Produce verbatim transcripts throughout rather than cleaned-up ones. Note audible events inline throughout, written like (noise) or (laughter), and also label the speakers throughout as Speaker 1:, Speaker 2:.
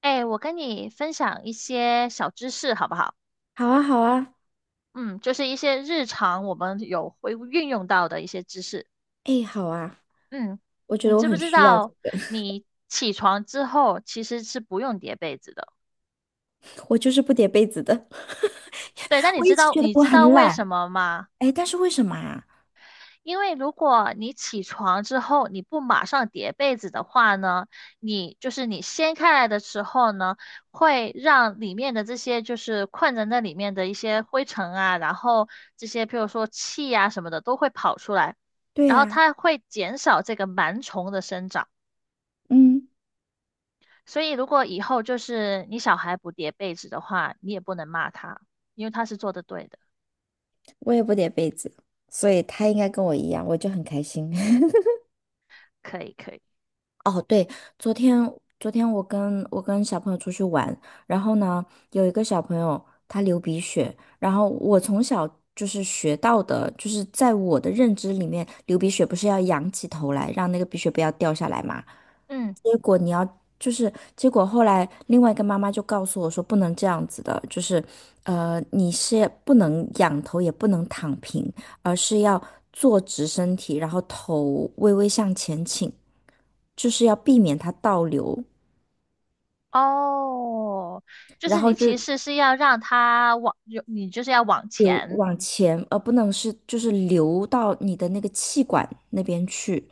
Speaker 1: 哎，我跟你分享一些小知识，好不好？
Speaker 2: 好啊，好啊，
Speaker 1: 嗯，就是一些日常我们有会运用到的一些知识。
Speaker 2: 哎，好啊，
Speaker 1: 嗯，
Speaker 2: 我觉
Speaker 1: 你
Speaker 2: 得我
Speaker 1: 知不
Speaker 2: 很
Speaker 1: 知
Speaker 2: 需要这
Speaker 1: 道，
Speaker 2: 个。
Speaker 1: 你起床之后其实是不用叠被子的。
Speaker 2: (laughs) 我就是不叠被子的，
Speaker 1: 对，那
Speaker 2: (laughs)
Speaker 1: 你
Speaker 2: 我
Speaker 1: 知
Speaker 2: 一直
Speaker 1: 道
Speaker 2: 觉得
Speaker 1: 你
Speaker 2: 我
Speaker 1: 知道
Speaker 2: 很
Speaker 1: 为
Speaker 2: 懒。
Speaker 1: 什么吗？
Speaker 2: 哎，但是为什么啊？
Speaker 1: 因为如果你起床之后你不马上叠被子的话呢，你就是你掀开来的时候呢，会让里面的这些就是困在那里面的一些灰尘啊，然后这些譬如说气啊什么的都会跑出来，
Speaker 2: 对
Speaker 1: 然后
Speaker 2: 呀。
Speaker 1: 它会减少这个螨虫的生长。
Speaker 2: 嗯，
Speaker 1: 所以如果以后就是你小孩不叠被子的话，你也不能骂他，因为他是做的对的。
Speaker 2: 我也不叠被子，所以他应该跟我一样，我就很开心。(laughs)
Speaker 1: 可以，可以，
Speaker 2: 哦，对，昨天昨天我跟我跟小朋友出去玩，然后呢，有一个小朋友他流鼻血。然后我从小就是学到的，就是在我的认知里面，流鼻血不是要仰起头来，让那个鼻血不要掉下来嘛？
Speaker 1: 嗯。
Speaker 2: 结果你要就是结果后来另外一个妈妈就告诉我说不能这样子的，就是呃你是不能仰头也不能躺平，而是要坐直身体，然后头微微向前倾。就是要避免它倒流，
Speaker 1: 哦，就
Speaker 2: 然
Speaker 1: 是
Speaker 2: 后
Speaker 1: 你
Speaker 2: 就
Speaker 1: 其实是要让他往，有你就是要往
Speaker 2: 流
Speaker 1: 前。
Speaker 2: 往前，而不能是就是流到你的那个气管那边去。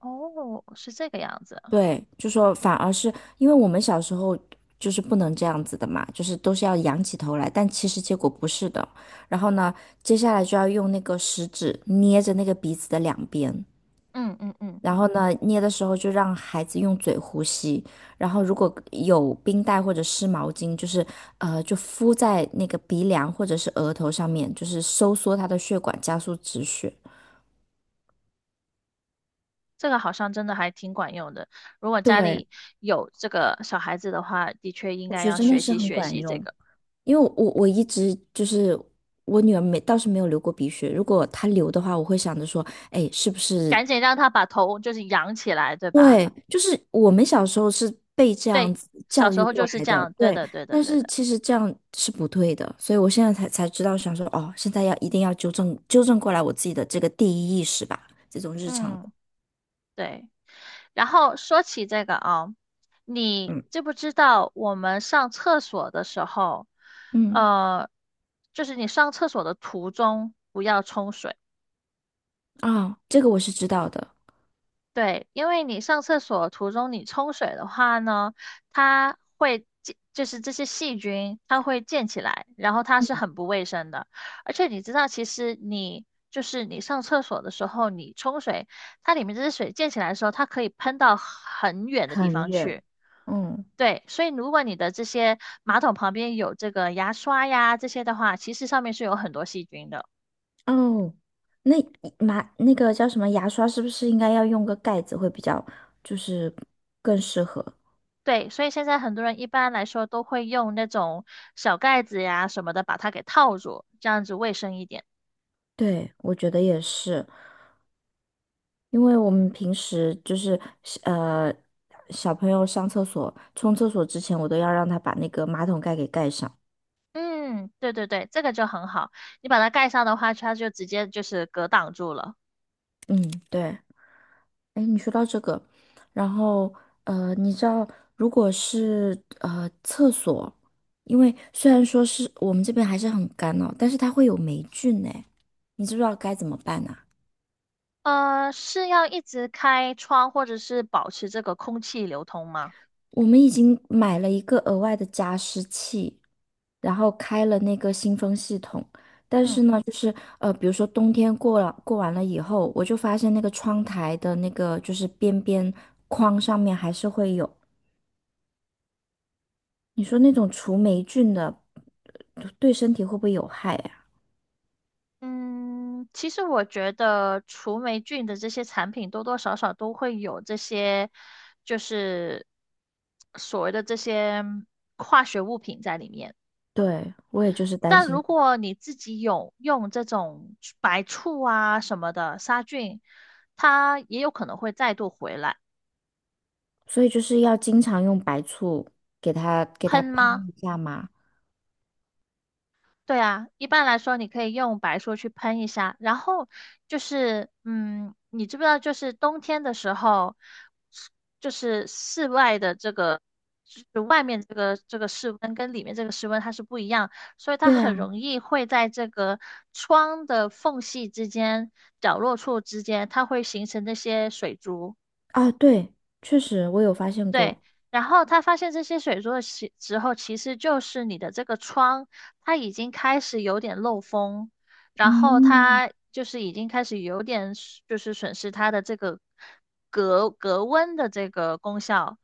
Speaker 1: 哦，是这个样子。
Speaker 2: 对，就说反而是因为我们小时候就是不能这样子的嘛，就是都是要仰起头来，但其实结果不是的。然后呢，接下来就要用那个食指捏着那个鼻子的两边，
Speaker 1: 嗯嗯嗯，
Speaker 2: 然后呢，捏的时候就让孩子用嘴呼吸。然后如果有冰袋或者湿毛巾，就是呃，就敷在那个鼻梁或者是额头上面，就是收缩他的血管，加速止血。
Speaker 1: 这个好像真的还挺管用的。如果家
Speaker 2: 对，
Speaker 1: 里有这个小孩子的话，的确应
Speaker 2: 我
Speaker 1: 该
Speaker 2: 觉得
Speaker 1: 要
Speaker 2: 真的
Speaker 1: 学
Speaker 2: 是
Speaker 1: 习
Speaker 2: 很
Speaker 1: 学
Speaker 2: 管
Speaker 1: 习这
Speaker 2: 用。
Speaker 1: 个，
Speaker 2: 因为我我我一直就是我女儿没倒是没有流过鼻血，如果她流的话，我会想着说，哎，是不是。
Speaker 1: 赶紧让他把头就是扬起来，对吧？
Speaker 2: 对，就是我们小时候是被这样
Speaker 1: 对，
Speaker 2: 子
Speaker 1: 小
Speaker 2: 教
Speaker 1: 时
Speaker 2: 育
Speaker 1: 候
Speaker 2: 过
Speaker 1: 就是
Speaker 2: 来
Speaker 1: 这
Speaker 2: 的，
Speaker 1: 样。对
Speaker 2: 对。
Speaker 1: 的，对的，
Speaker 2: 但
Speaker 1: 对
Speaker 2: 是
Speaker 1: 的。
Speaker 2: 其实这样是不对的，所以我现在才才知道，想说哦，现在要一定要纠正纠正过来我自己的这个第一意识吧，这种日常的。
Speaker 1: 嗯。对。然后说起这个啊，你
Speaker 2: 嗯
Speaker 1: 知不知道我们上厕所的时候，
Speaker 2: 嗯。
Speaker 1: 呃，就是你上厕所的途中不要冲水。
Speaker 2: 啊、这个我是知道的。
Speaker 1: 对，因为你上厕所途中你冲水的话呢，它会溅，就是这些细菌它会溅起来，然后它是很不卫生的。而且你知道，其实你就是你上厕所的时候，你冲水，它里面这些水溅起来的时候，它可以喷到很远的地
Speaker 2: 很
Speaker 1: 方
Speaker 2: 远。
Speaker 1: 去。
Speaker 2: 嗯。
Speaker 1: 对，所以如果你的这些马桶旁边有这个牙刷呀这些的话，其实上面是有很多细菌的。
Speaker 2: 哦，那马那个叫什么牙刷是不是应该要用个盖子会比较，就是更适合？
Speaker 1: 对，所以现在很多人一般来说都会用那种小盖子呀什么的把它给套住，这样子卫生一点。
Speaker 2: 对，我觉得也是。因为我们平时就是呃，小朋友上厕所、冲厕所之前，我都要让他把那个马桶盖给盖上。
Speaker 1: 嗯，对对对，这个就很好。你把它盖上的话，它就直接就是隔挡住了。
Speaker 2: 嗯，对。哎，你说到这个。然后呃，你知道，如果是呃厕所，因为虽然说是我们这边还是很干哦，但是它会有霉菌呢，你知不知道该怎么办呢？
Speaker 1: 呃，是要一直开窗或者是保持这个空气流通吗？
Speaker 2: 我们已经买了一个额外的加湿器，然后开了那个新风系统。但
Speaker 1: 嗯。
Speaker 2: 是呢，就是呃，比如说冬天过了过完了以后，我就发现那个窗台的那个就是边边框上面还是会有。你说那种除霉菌的，呃对身体会不会有害呀？
Speaker 1: 嗯，其实我觉得除霉菌的这些产品多多少少都会有这些，就是所谓的这些化学物品在里面。
Speaker 2: 对，我也就是担
Speaker 1: 但如
Speaker 2: 心。
Speaker 1: 果你自己有用这种白醋啊什么的杀菌，它也有可能会再度回来。
Speaker 2: 所以就是要经常用白醋给它给它
Speaker 1: 喷
Speaker 2: 喷
Speaker 1: 吗？
Speaker 2: 一下嘛。
Speaker 1: 对啊，一般来说你可以用白醋去喷一下，然后就是，嗯，你知不知道，就是冬天的时候，就是室外的这个，就是外面这个这个室温跟里面这个室温它是不一样，所以它
Speaker 2: 对
Speaker 1: 很
Speaker 2: 啊。
Speaker 1: 容易会在这个窗的缝隙之间、角落处之间，它会形成那些水珠。
Speaker 2: 啊对，确实我有发现
Speaker 1: 对，
Speaker 2: 过。
Speaker 1: 然后他发现这些水珠的时时候，其实就是你的这个窗，它已经开始有点漏风，然后
Speaker 2: 嗯。
Speaker 1: 它就是已经开始有点损就是损失它的这个隔隔温的这个功效。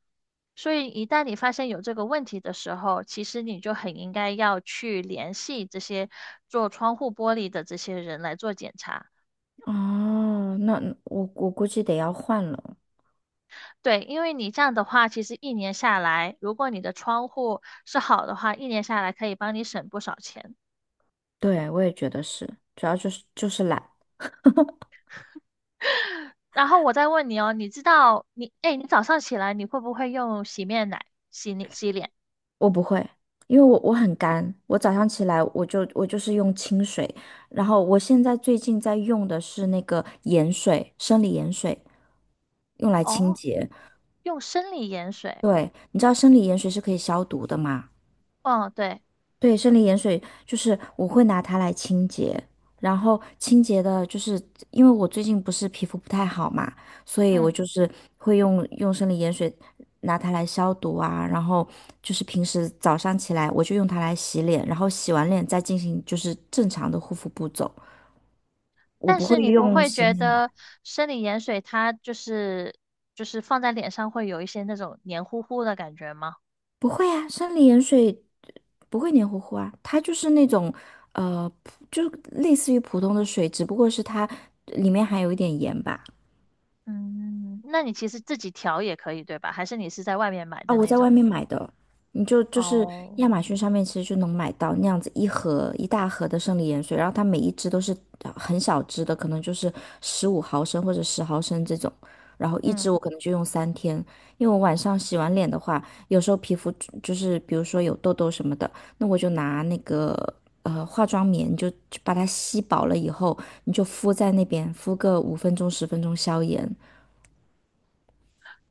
Speaker 1: 所以一旦你发现有这个问题的时候，其实你就很应该要去联系这些做窗户玻璃的这些人来做检查。
Speaker 2: 哦，那我我估计得要换了。
Speaker 1: 对，因为你这样的话，其实一年下来，如果你的窗户是好的话，一年下来可以帮你省不少钱。
Speaker 2: 对，我也觉得是，主要就是就是懒。
Speaker 1: (laughs) 然后我再问你哦，你知道你，哎，你早上起来你会不会用洗面奶洗你洗脸？
Speaker 2: 我不会，因为我我很干，我早上起来我就我就是用清水，然后我现在最近在用的是那个盐水，生理盐水，用来清
Speaker 1: 哦，
Speaker 2: 洁。
Speaker 1: 用生理盐水。
Speaker 2: 对，你知道生理盐水是可以消毒的吗？
Speaker 1: 哦，对，
Speaker 2: 对，生理盐水就是我会拿它来清洁，然后清洁的，就是因为我最近不是皮肤不太好嘛，所以我
Speaker 1: 嗯，
Speaker 2: 就是会用用生理盐水拿它来消毒啊，然后就是平时早上起来我就用它来洗脸，然后洗完脸再进行就是正常的护肤步骤，我
Speaker 1: 但
Speaker 2: 不会
Speaker 1: 是你不
Speaker 2: 用
Speaker 1: 会
Speaker 2: 洗
Speaker 1: 觉
Speaker 2: 面奶。
Speaker 1: 得生理盐水它就是就是放在脸上会有一些那种黏糊糊的感觉吗？
Speaker 2: 不会啊，生理盐水不会黏糊糊啊，它就是那种呃，就类似于普通的水，只不过是它里面含有一点盐吧。
Speaker 1: 嗯，那你其实自己调也可以，对吧？还是你是在外面买
Speaker 2: 啊，
Speaker 1: 的
Speaker 2: 我
Speaker 1: 那
Speaker 2: 在外
Speaker 1: 种？
Speaker 2: 面买的。你就就是
Speaker 1: 哦。
Speaker 2: 亚马逊上面其实就能买到那样子一盒一大盒的生理盐水，然后它每一支都是呃很小支的，可能就是十五毫升或者十毫升这种，然后一支
Speaker 1: 嗯，
Speaker 2: 我可能就用三天。因为我晚上洗完脸的话，有时候皮肤就就是比如说有痘痘什么的，那我就拿那个呃化妆棉就就把它吸饱了以后，你就敷在那边敷个五分钟十分钟消炎。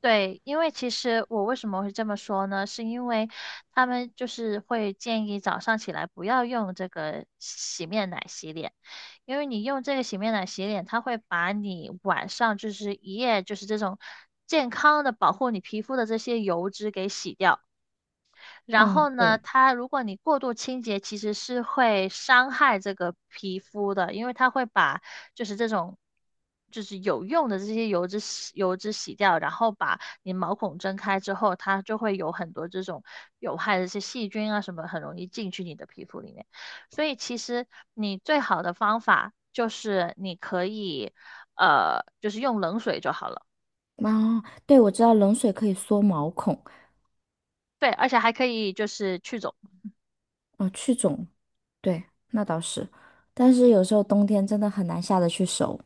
Speaker 1: 对，因为其实我为什么会这么说呢？是因为他们就是会建议早上起来不要用这个洗面奶洗脸，因为你用这个洗面奶洗脸，它会把你晚上就是一夜就是这种健康的保护你皮肤的这些油脂给洗掉。然后呢，它如果你过度清洁，其实是会伤害这个皮肤的，因为它会把就是这种就是有用的这些油脂洗油脂洗掉，然后把你毛孔睁开之后，它就会有很多这种有害的一些细菌啊什么，很容易进去你的皮肤里面。所以其实你最好的方法就是你可以呃，就是用冷水就好了。
Speaker 2: 啊，对，我知道冷水可以缩毛孔。
Speaker 1: 对，而且还可以就是去肿。
Speaker 2: 哦，去肿，对，那倒是。但是有时候冬天真的很难下得去手。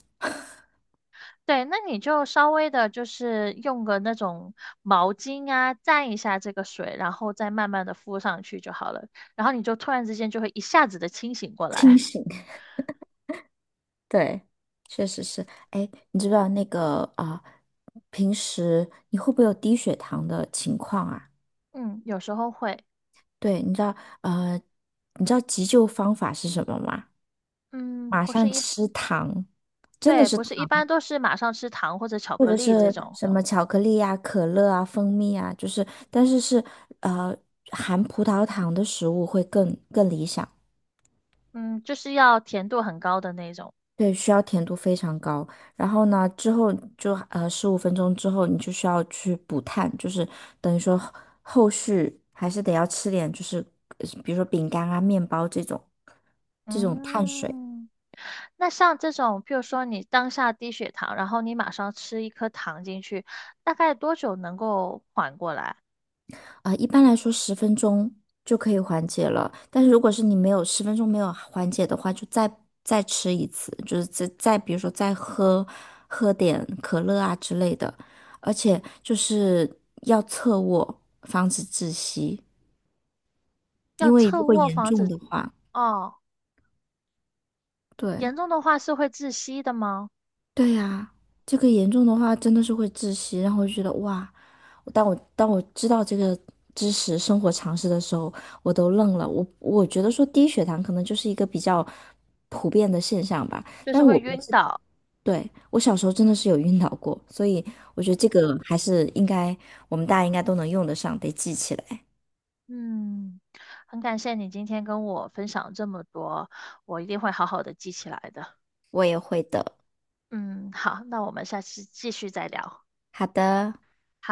Speaker 1: 对，那你就稍微的，就是用个那种毛巾啊，蘸一下这个水，然后再慢慢的敷上去就好了。然后你就突然之间就会一下子的清醒过
Speaker 2: 清
Speaker 1: 来。
Speaker 2: 醒。(laughs) 对，确实是。哎，你知不知道那个啊、平时你会不会有低血糖的情况啊？
Speaker 1: (laughs) 嗯，有时候会，
Speaker 2: 对，你知道呃，你知道急救方法是什么吗？
Speaker 1: 嗯，
Speaker 2: 马
Speaker 1: 不是
Speaker 2: 上
Speaker 1: 一，
Speaker 2: 吃糖，真的
Speaker 1: 对，
Speaker 2: 是
Speaker 1: 不是一
Speaker 2: 糖，
Speaker 1: 般都是马上吃糖或者巧
Speaker 2: 或
Speaker 1: 克
Speaker 2: 者
Speaker 1: 力这
Speaker 2: 是
Speaker 1: 种，
Speaker 2: 什么巧克力呀、可乐啊、蜂蜜啊，就是，但是是呃含葡萄糖的食物会更更理想。
Speaker 1: 嗯，就是要甜度很高的那种。
Speaker 2: 对，需要甜度非常高。然后呢，之后就呃十五分钟之后，你就需要去补碳，就是等于说后后续还是得要吃点，就是呃比如说饼干啊、面包这种这种碳水
Speaker 1: 嗯，那像这种，譬如说你当下低血糖，然后你马上吃一颗糖进去，大概多久能够缓过来？
Speaker 2: 啊。一般来说，十分钟就可以缓解了。但是如果是你没有十分钟没有缓解的话，就再再吃一次，就是再再比如说再喝喝点可乐啊之类的，而且就是要侧卧，防止窒息。
Speaker 1: 要
Speaker 2: 因为
Speaker 1: 侧
Speaker 2: 如果
Speaker 1: 卧
Speaker 2: 严
Speaker 1: 防
Speaker 2: 重
Speaker 1: 止
Speaker 2: 的话，
Speaker 1: 哦，
Speaker 2: 对。
Speaker 1: 严重的话是会窒息的吗？
Speaker 2: 对呀，这个严重的话真的是会窒息，然后就觉得哇，当我当我知道这个知识、生活常识的时候，我都愣了。我我觉得说低血糖可能就是一个比较普遍的现象吧。
Speaker 1: 就是
Speaker 2: 但我
Speaker 1: 会
Speaker 2: 我
Speaker 1: 晕
Speaker 2: 知
Speaker 1: 倒。
Speaker 2: 对，我小时候真的是有晕倒过，所以我觉得这个还是应该我们大家应该都能用得上，得记起来。
Speaker 1: 嗯，很感谢你今天跟我分享这么多，我一定会好好的记起来的。
Speaker 2: 我也会的。
Speaker 1: 嗯，好，那我们下次继续再聊。
Speaker 2: 好的，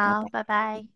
Speaker 2: 拜拜。
Speaker 1: 拜拜。